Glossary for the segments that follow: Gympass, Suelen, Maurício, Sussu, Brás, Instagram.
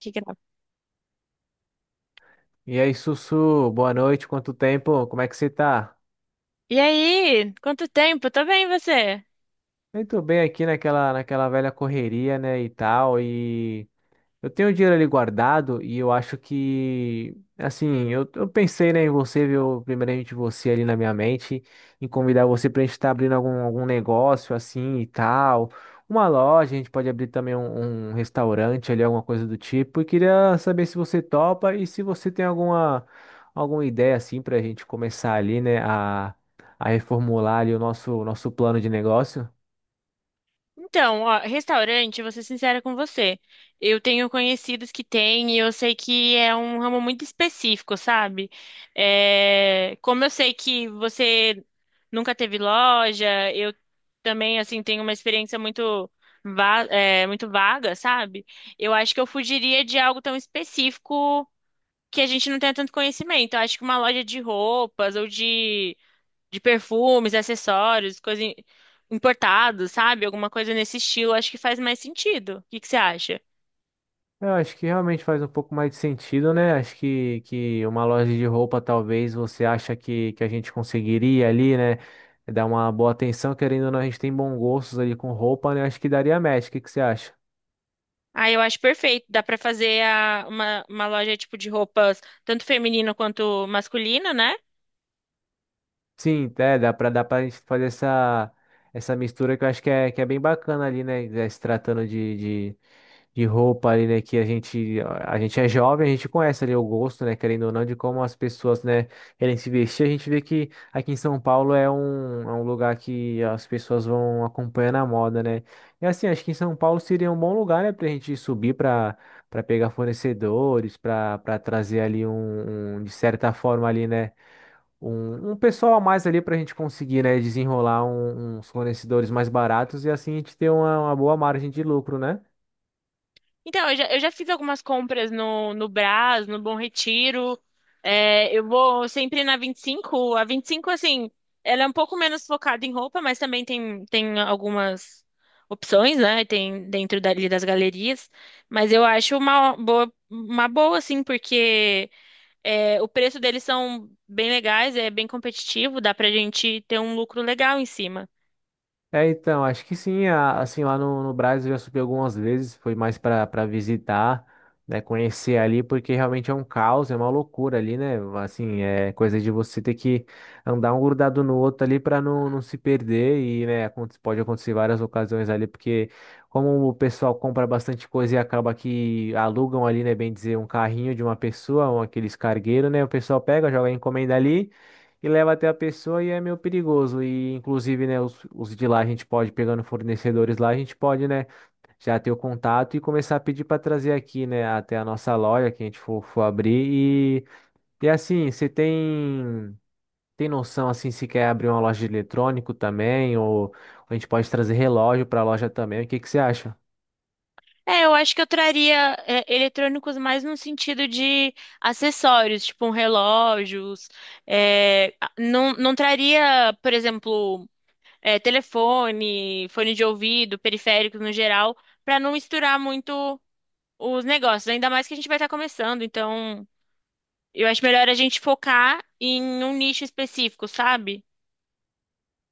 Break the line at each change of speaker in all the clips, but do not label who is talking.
Que grave.
E aí, Sussu, boa noite, quanto tempo? Como é que você tá?
E aí, quanto tempo? Tô bem, e você?
Eu tô bem aqui naquela velha correria, né, e tal, e eu tenho dinheiro ali guardado e eu acho que, assim, eu pensei, né, em você, viu, primeiramente você ali na minha mente, em convidar você pra gente estar abrindo algum negócio assim e tal, uma loja, a gente pode abrir também um restaurante ali, alguma coisa do tipo, e queria saber se você topa e se você tem alguma, alguma ideia, assim, pra gente começar ali, né, a reformular ali o nosso plano de negócio.
Então, ó, restaurante, vou ser sincera com você. Eu tenho conhecidos que têm e eu sei que é um ramo muito específico, sabe? Como eu sei que você nunca teve loja, eu também, assim, tenho uma experiência muito, muito vaga, sabe? Eu acho que eu fugiria de algo tão específico que a gente não tenha tanto conhecimento. Eu acho que uma loja de roupas ou de perfumes, acessórios, importado, sabe? Alguma coisa nesse estilo, acho que faz mais sentido. O que que você acha?
Eu acho que realmente faz um pouco mais de sentido, né? Acho que uma loja de roupa, talvez você acha que a gente conseguiria ali, né? Dar uma boa atenção, querendo ou não, a gente tem bons gostos ali com roupa, né? Acho que daria match. O que que você acha?
Ah, eu acho perfeito. Dá pra fazer uma loja tipo de roupas, tanto feminina quanto masculina, né?
Sim, é, dá pra gente fazer essa, essa mistura que eu acho que é bem bacana ali, né? Se tratando de roupa ali, né, que a gente é jovem, a gente conhece ali o gosto, né, querendo ou não, de como as pessoas, né, querem se vestir. A gente vê que aqui em São Paulo é é um lugar que as pessoas vão acompanhando a moda, né. E assim, acho que em São Paulo seria um bom lugar, né, pra gente subir pra, pra pegar fornecedores, pra trazer ali de certa forma ali, né, um pessoal a mais ali pra gente conseguir, né, desenrolar uns fornecedores mais baratos e assim a gente ter uma boa margem de lucro, né?
Então, eu já fiz algumas compras no Brás, no Bom Retiro. É, eu vou sempre na 25. A 25, assim, ela é um pouco menos focada em roupa, mas também tem, tem algumas opções, né? Tem dentro dali das galerias. Mas eu acho uma boa assim, porque o preço deles são bem legais, é bem competitivo, dá pra gente ter um lucro legal em cima.
É, então, acho que sim, assim, lá no Brasil eu já subi algumas vezes, foi mais para visitar, né, conhecer ali, porque realmente é um caos, é uma loucura ali, né, assim, é coisa de você ter que andar um grudado no outro ali para não, não se perder e, né, pode acontecer várias ocasiões ali, porque como o pessoal compra bastante coisa e acaba que alugam ali, né, bem dizer, um carrinho de uma pessoa, um, aqueles cargueiros, né, o pessoal pega, joga a encomenda ali, e leva até a pessoa e é meio perigoso. E inclusive, né, os de lá a gente pode, pegando fornecedores lá, a gente pode, né, já ter o contato e começar a pedir para trazer aqui, né, até a nossa loja que a gente for abrir. E assim, você tem noção, assim, se quer abrir uma loja de eletrônico também, ou, a gente pode trazer relógio para a loja também, o que que você acha?
É, eu acho que eu traria eletrônicos mais no sentido de acessórios, tipo um relógios. Não, não traria, por exemplo, telefone, fone de ouvido, periféricos no geral, para não misturar muito os negócios. Ainda mais que a gente vai estar começando, então eu acho melhor a gente focar em um nicho específico, sabe?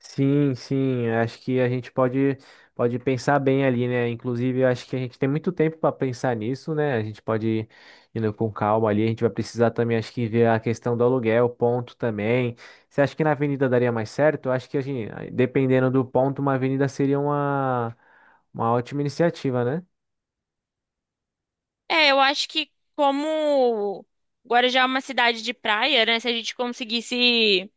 Sim, sim, eu acho que a gente pode pensar bem ali, né? Inclusive, eu acho que a gente tem muito tempo para pensar nisso, né? A gente pode ir indo com calma ali. A gente vai precisar também, acho que, ver a questão do aluguel, ponto também. Você acha que na avenida daria mais certo? Eu acho que a gente, dependendo do ponto, uma avenida seria uma ótima iniciativa, né?
É, eu acho que como Guarujá é uma cidade de praia, né? Se a gente conseguisse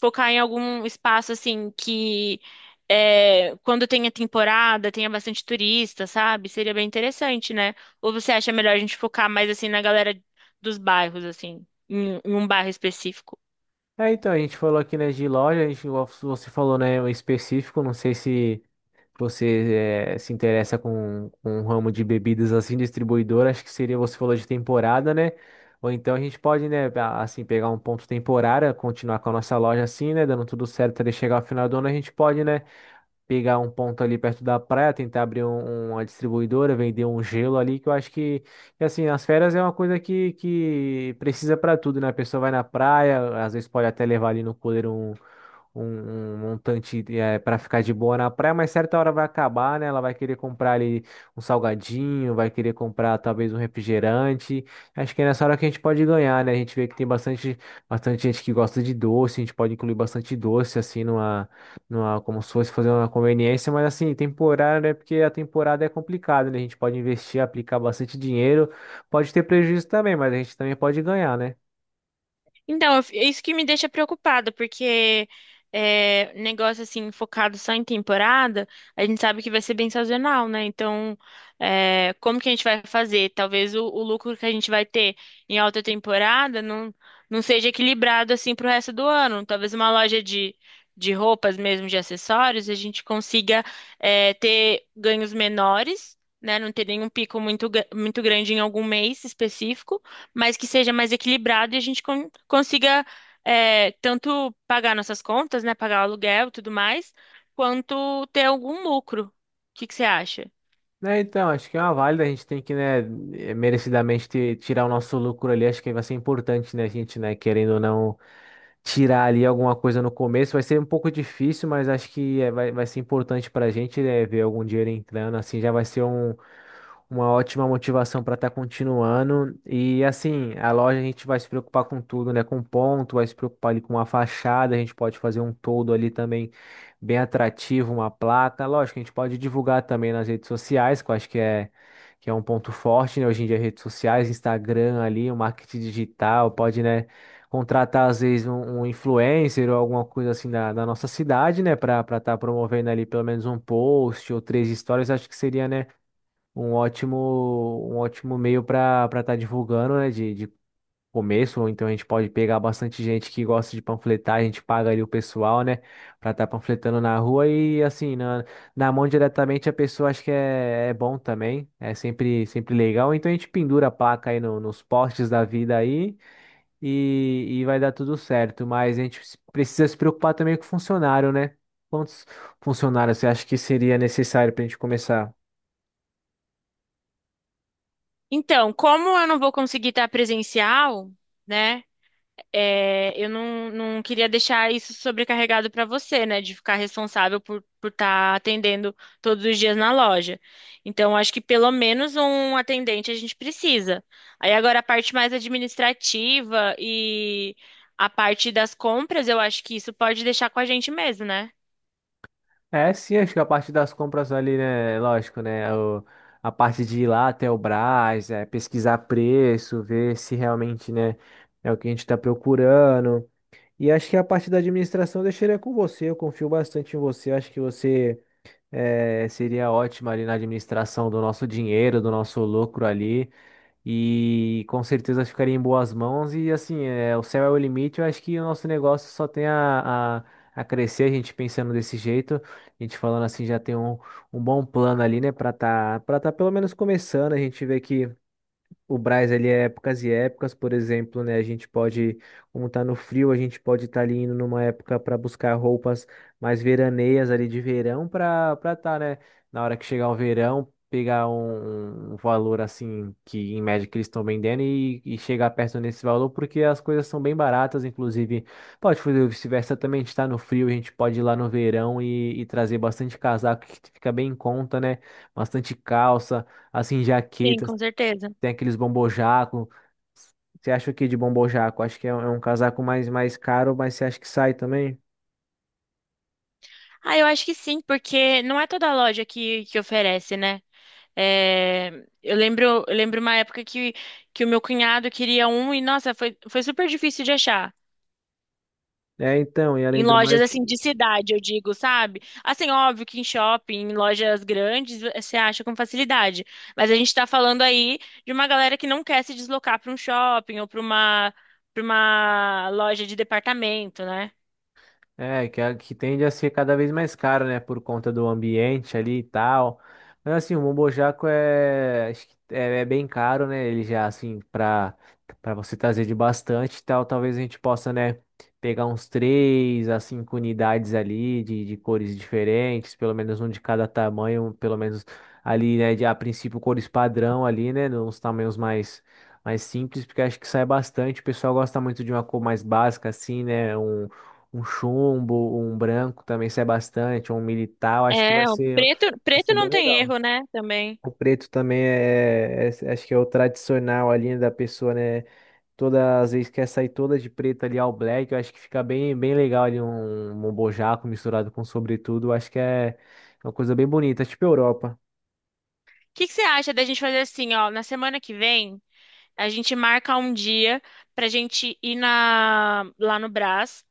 focar em algum espaço assim que quando tenha temporada, tenha bastante turista, sabe? Seria bem interessante, né? Ou você acha melhor a gente focar mais assim na galera dos bairros, assim, em um bairro específico?
É, então, a gente falou aqui, né, de loja, a gente, você falou, né, o específico, não sei se. Você se interessa com um ramo de bebidas assim, distribuidor, acho que seria, você falou de temporada, né? Ou então a gente pode, né, assim, pegar um ponto temporário, continuar com a nossa loja assim, né, dando tudo certo até chegar ao final do ano, a gente pode, né, pegar um ponto ali perto da praia, tentar abrir uma distribuidora, vender um gelo ali, que eu acho que, assim, as férias é uma coisa que precisa para tudo, né? A pessoa vai na praia, às vezes pode até levar ali no cooler um montante para ficar de boa na praia, mas certa hora vai acabar, né? Ela vai querer comprar ali um salgadinho, vai querer comprar talvez um refrigerante. Acho que é nessa hora que a gente pode ganhar, né? A gente vê que tem bastante gente que gosta de doce, a gente pode incluir bastante doce assim numa, numa, como se fosse fazer uma conveniência, mas assim, temporário, né? Porque a temporada é complicada, né? A gente pode investir, aplicar bastante dinheiro, pode ter prejuízo também, mas a gente também pode ganhar, né?
Então, é isso que me deixa preocupada, porque negócio assim, focado só em temporada, a gente sabe que vai ser bem sazonal, né? Então, é, como que a gente vai fazer? Talvez o lucro que a gente vai ter em alta temporada não seja equilibrado assim pro resto do ano. Talvez uma loja de roupas mesmo, de acessórios, a gente consiga ter ganhos menores, né? Não ter nenhum pico muito, muito grande em algum mês específico, mas que seja mais equilibrado e a gente consiga, tanto pagar nossas contas, né, pagar o aluguel e tudo mais, quanto ter algum lucro. O que que você acha?
Né, então, acho que é uma válida, a gente tem que, né, merecidamente tirar o nosso lucro ali, acho que vai ser importante, né, querendo ou não tirar ali alguma coisa no começo, vai ser um pouco difícil, mas acho que vai ser importante pra gente, né, ver algum dinheiro entrando, assim, já vai ser uma ótima motivação para estar continuando, e assim, a loja a gente vai se preocupar com tudo, né, com ponto, vai se preocupar ali com a fachada, a gente pode fazer um todo ali também, bem atrativo uma placa. Lógico, a gente pode divulgar também nas redes sociais, que eu acho que é um ponto forte, né? Hoje em dia, redes sociais, Instagram ali, o marketing digital, pode, né, contratar às vezes um influencer ou alguma coisa assim da nossa cidade, né, para estar promovendo ali pelo menos um post ou três histórias, acho que seria, né, um ótimo, um ótimo meio para estar divulgando, né, de começo, ou então a gente pode pegar bastante gente que gosta de panfletar, a gente paga ali o pessoal, né, pra estar panfletando na rua e assim, na, na mão diretamente a pessoa acho que é, é bom também, é sempre, sempre legal, então a gente pendura a placa aí nos postes da vida aí e vai dar tudo certo, mas a gente precisa se preocupar também com o funcionário, né? Quantos funcionários você acha que seria necessário pra gente começar?
Então, como eu não vou conseguir estar presencial, né? Eu não, não queria deixar isso sobrecarregado para você, né? De ficar responsável por estar atendendo todos os dias na loja. Então, acho que pelo menos um atendente a gente precisa. Aí agora a parte mais administrativa e a parte das compras, eu acho que isso pode deixar com a gente mesmo, né?
É, sim, acho que a parte das compras ali, né? Lógico, né? A parte de ir lá até o Brás, é, pesquisar preço, ver se realmente, né, é o que a gente está procurando. E acho que a parte da administração eu deixaria com você. Eu confio bastante em você. Acho que você seria ótima ali na administração do nosso dinheiro, do nosso lucro ali. E com certeza ficaria em boas mãos. E assim, é, o céu é o limite. Eu acho que o nosso negócio só tem a crescer, a gente pensando desse jeito. A gente falando assim, já tem um, um bom plano ali, né? Pra tá pelo menos começando. A gente vê que. O Brás, ele é épocas e épocas, por exemplo, né? A gente pode, como tá no frio, a gente pode estar ali indo numa época para buscar roupas mais veraneias ali de verão para tá, né? Na hora que chegar o verão, pegar um valor assim que em média que eles estão vendendo e chegar perto nesse valor, porque as coisas são bem baratas, inclusive. Pode fazer o vice-versa também, a gente tá no frio, a gente pode ir lá no verão e trazer bastante casaco que fica bem em conta, né? Bastante calça assim,
Sim,
jaquetas
com certeza.
tem aqueles bombojaco. Você acha o que de bombojaco? Acho que é, é um casaco mais, mais caro, mas você acha que sai também?
Ah, eu acho que sim, porque não é toda loja que oferece, né? É, eu lembro uma época que o meu cunhado queria um e, nossa, foi, foi super difícil de achar.
É, então, e
Em
além do
lojas
mais.
assim de cidade, eu digo, sabe? Assim, óbvio que em shopping, em lojas grandes, você acha com facilidade. Mas a gente tá falando aí de uma galera que não quer se deslocar para um shopping ou para uma loja de departamento, né?
É, que, que tende a ser cada vez mais caro, né? Por conta do ambiente ali e tal. Mas assim, o Bombo Jaco é, acho que é, é bem caro, né? Ele já, assim, pra, pra você trazer de bastante e tal, talvez a gente possa, né, pegar uns três a cinco unidades ali de cores diferentes, pelo menos um de cada tamanho, um, pelo menos ali, né, de, a princípio cores padrão ali, né? Uns tamanhos mais. Mais simples, porque acho que sai bastante. O pessoal gosta muito de uma cor mais básica, assim, né? Um chumbo, um branco também sai bastante, um militar, eu acho que
É, o preto,
vai
preto
ser bem
não tem
legal.
erro, né? Também. O
O preto também é, é, acho que é o tradicional ali né, da pessoa, né? Todas as vezes quer sair toda de preto ali ao black, eu acho que fica bem, bem legal ali um bojaco misturado com sobretudo, eu acho que é uma coisa bem bonita, tipo Europa.
que que você acha da gente fazer assim, ó, na semana que vem? A gente marca um dia pra gente ir na, lá no Brás,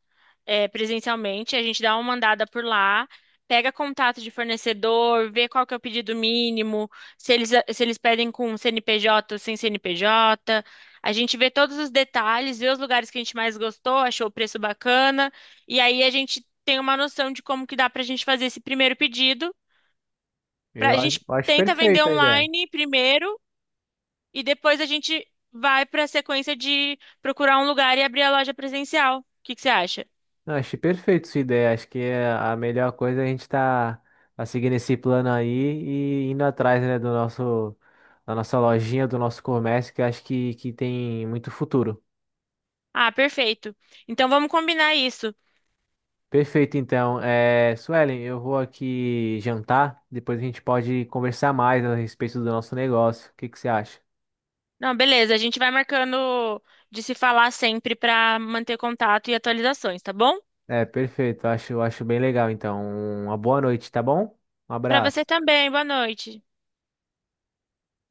presencialmente. A gente dá uma andada por lá, pega contato de fornecedor, vê qual que é o pedido mínimo, se eles pedem com CNPJ ou sem CNPJ. A gente vê todos os detalhes, vê os lugares que a gente mais gostou, achou o preço bacana, e aí a gente tem uma noção de como que dá pra gente fazer esse primeiro pedido. Pra,
Eu,
a gente
eu acho
tenta vender
perfeita a ideia.
online primeiro e depois a gente vai para a sequência de procurar um lugar e abrir a loja presencial. O que que você acha?
Não, achei perfeito sua ideia. Acho que é a melhor coisa é a gente tá seguindo esse plano aí e indo atrás, né, do nosso, da nossa lojinha, do nosso comércio, que eu acho que tem muito futuro.
Ah, perfeito. Então vamos combinar isso.
Perfeito, então. É, Suelen, eu vou aqui jantar, depois a gente pode conversar mais a respeito do nosso negócio. O que que você acha?
Não, beleza, a gente vai marcando de se falar sempre para manter contato e atualizações, tá bom?
É, perfeito. Acho, acho bem legal, então. Uma boa noite, tá bom? Um
Para você
abraço.
também, boa noite.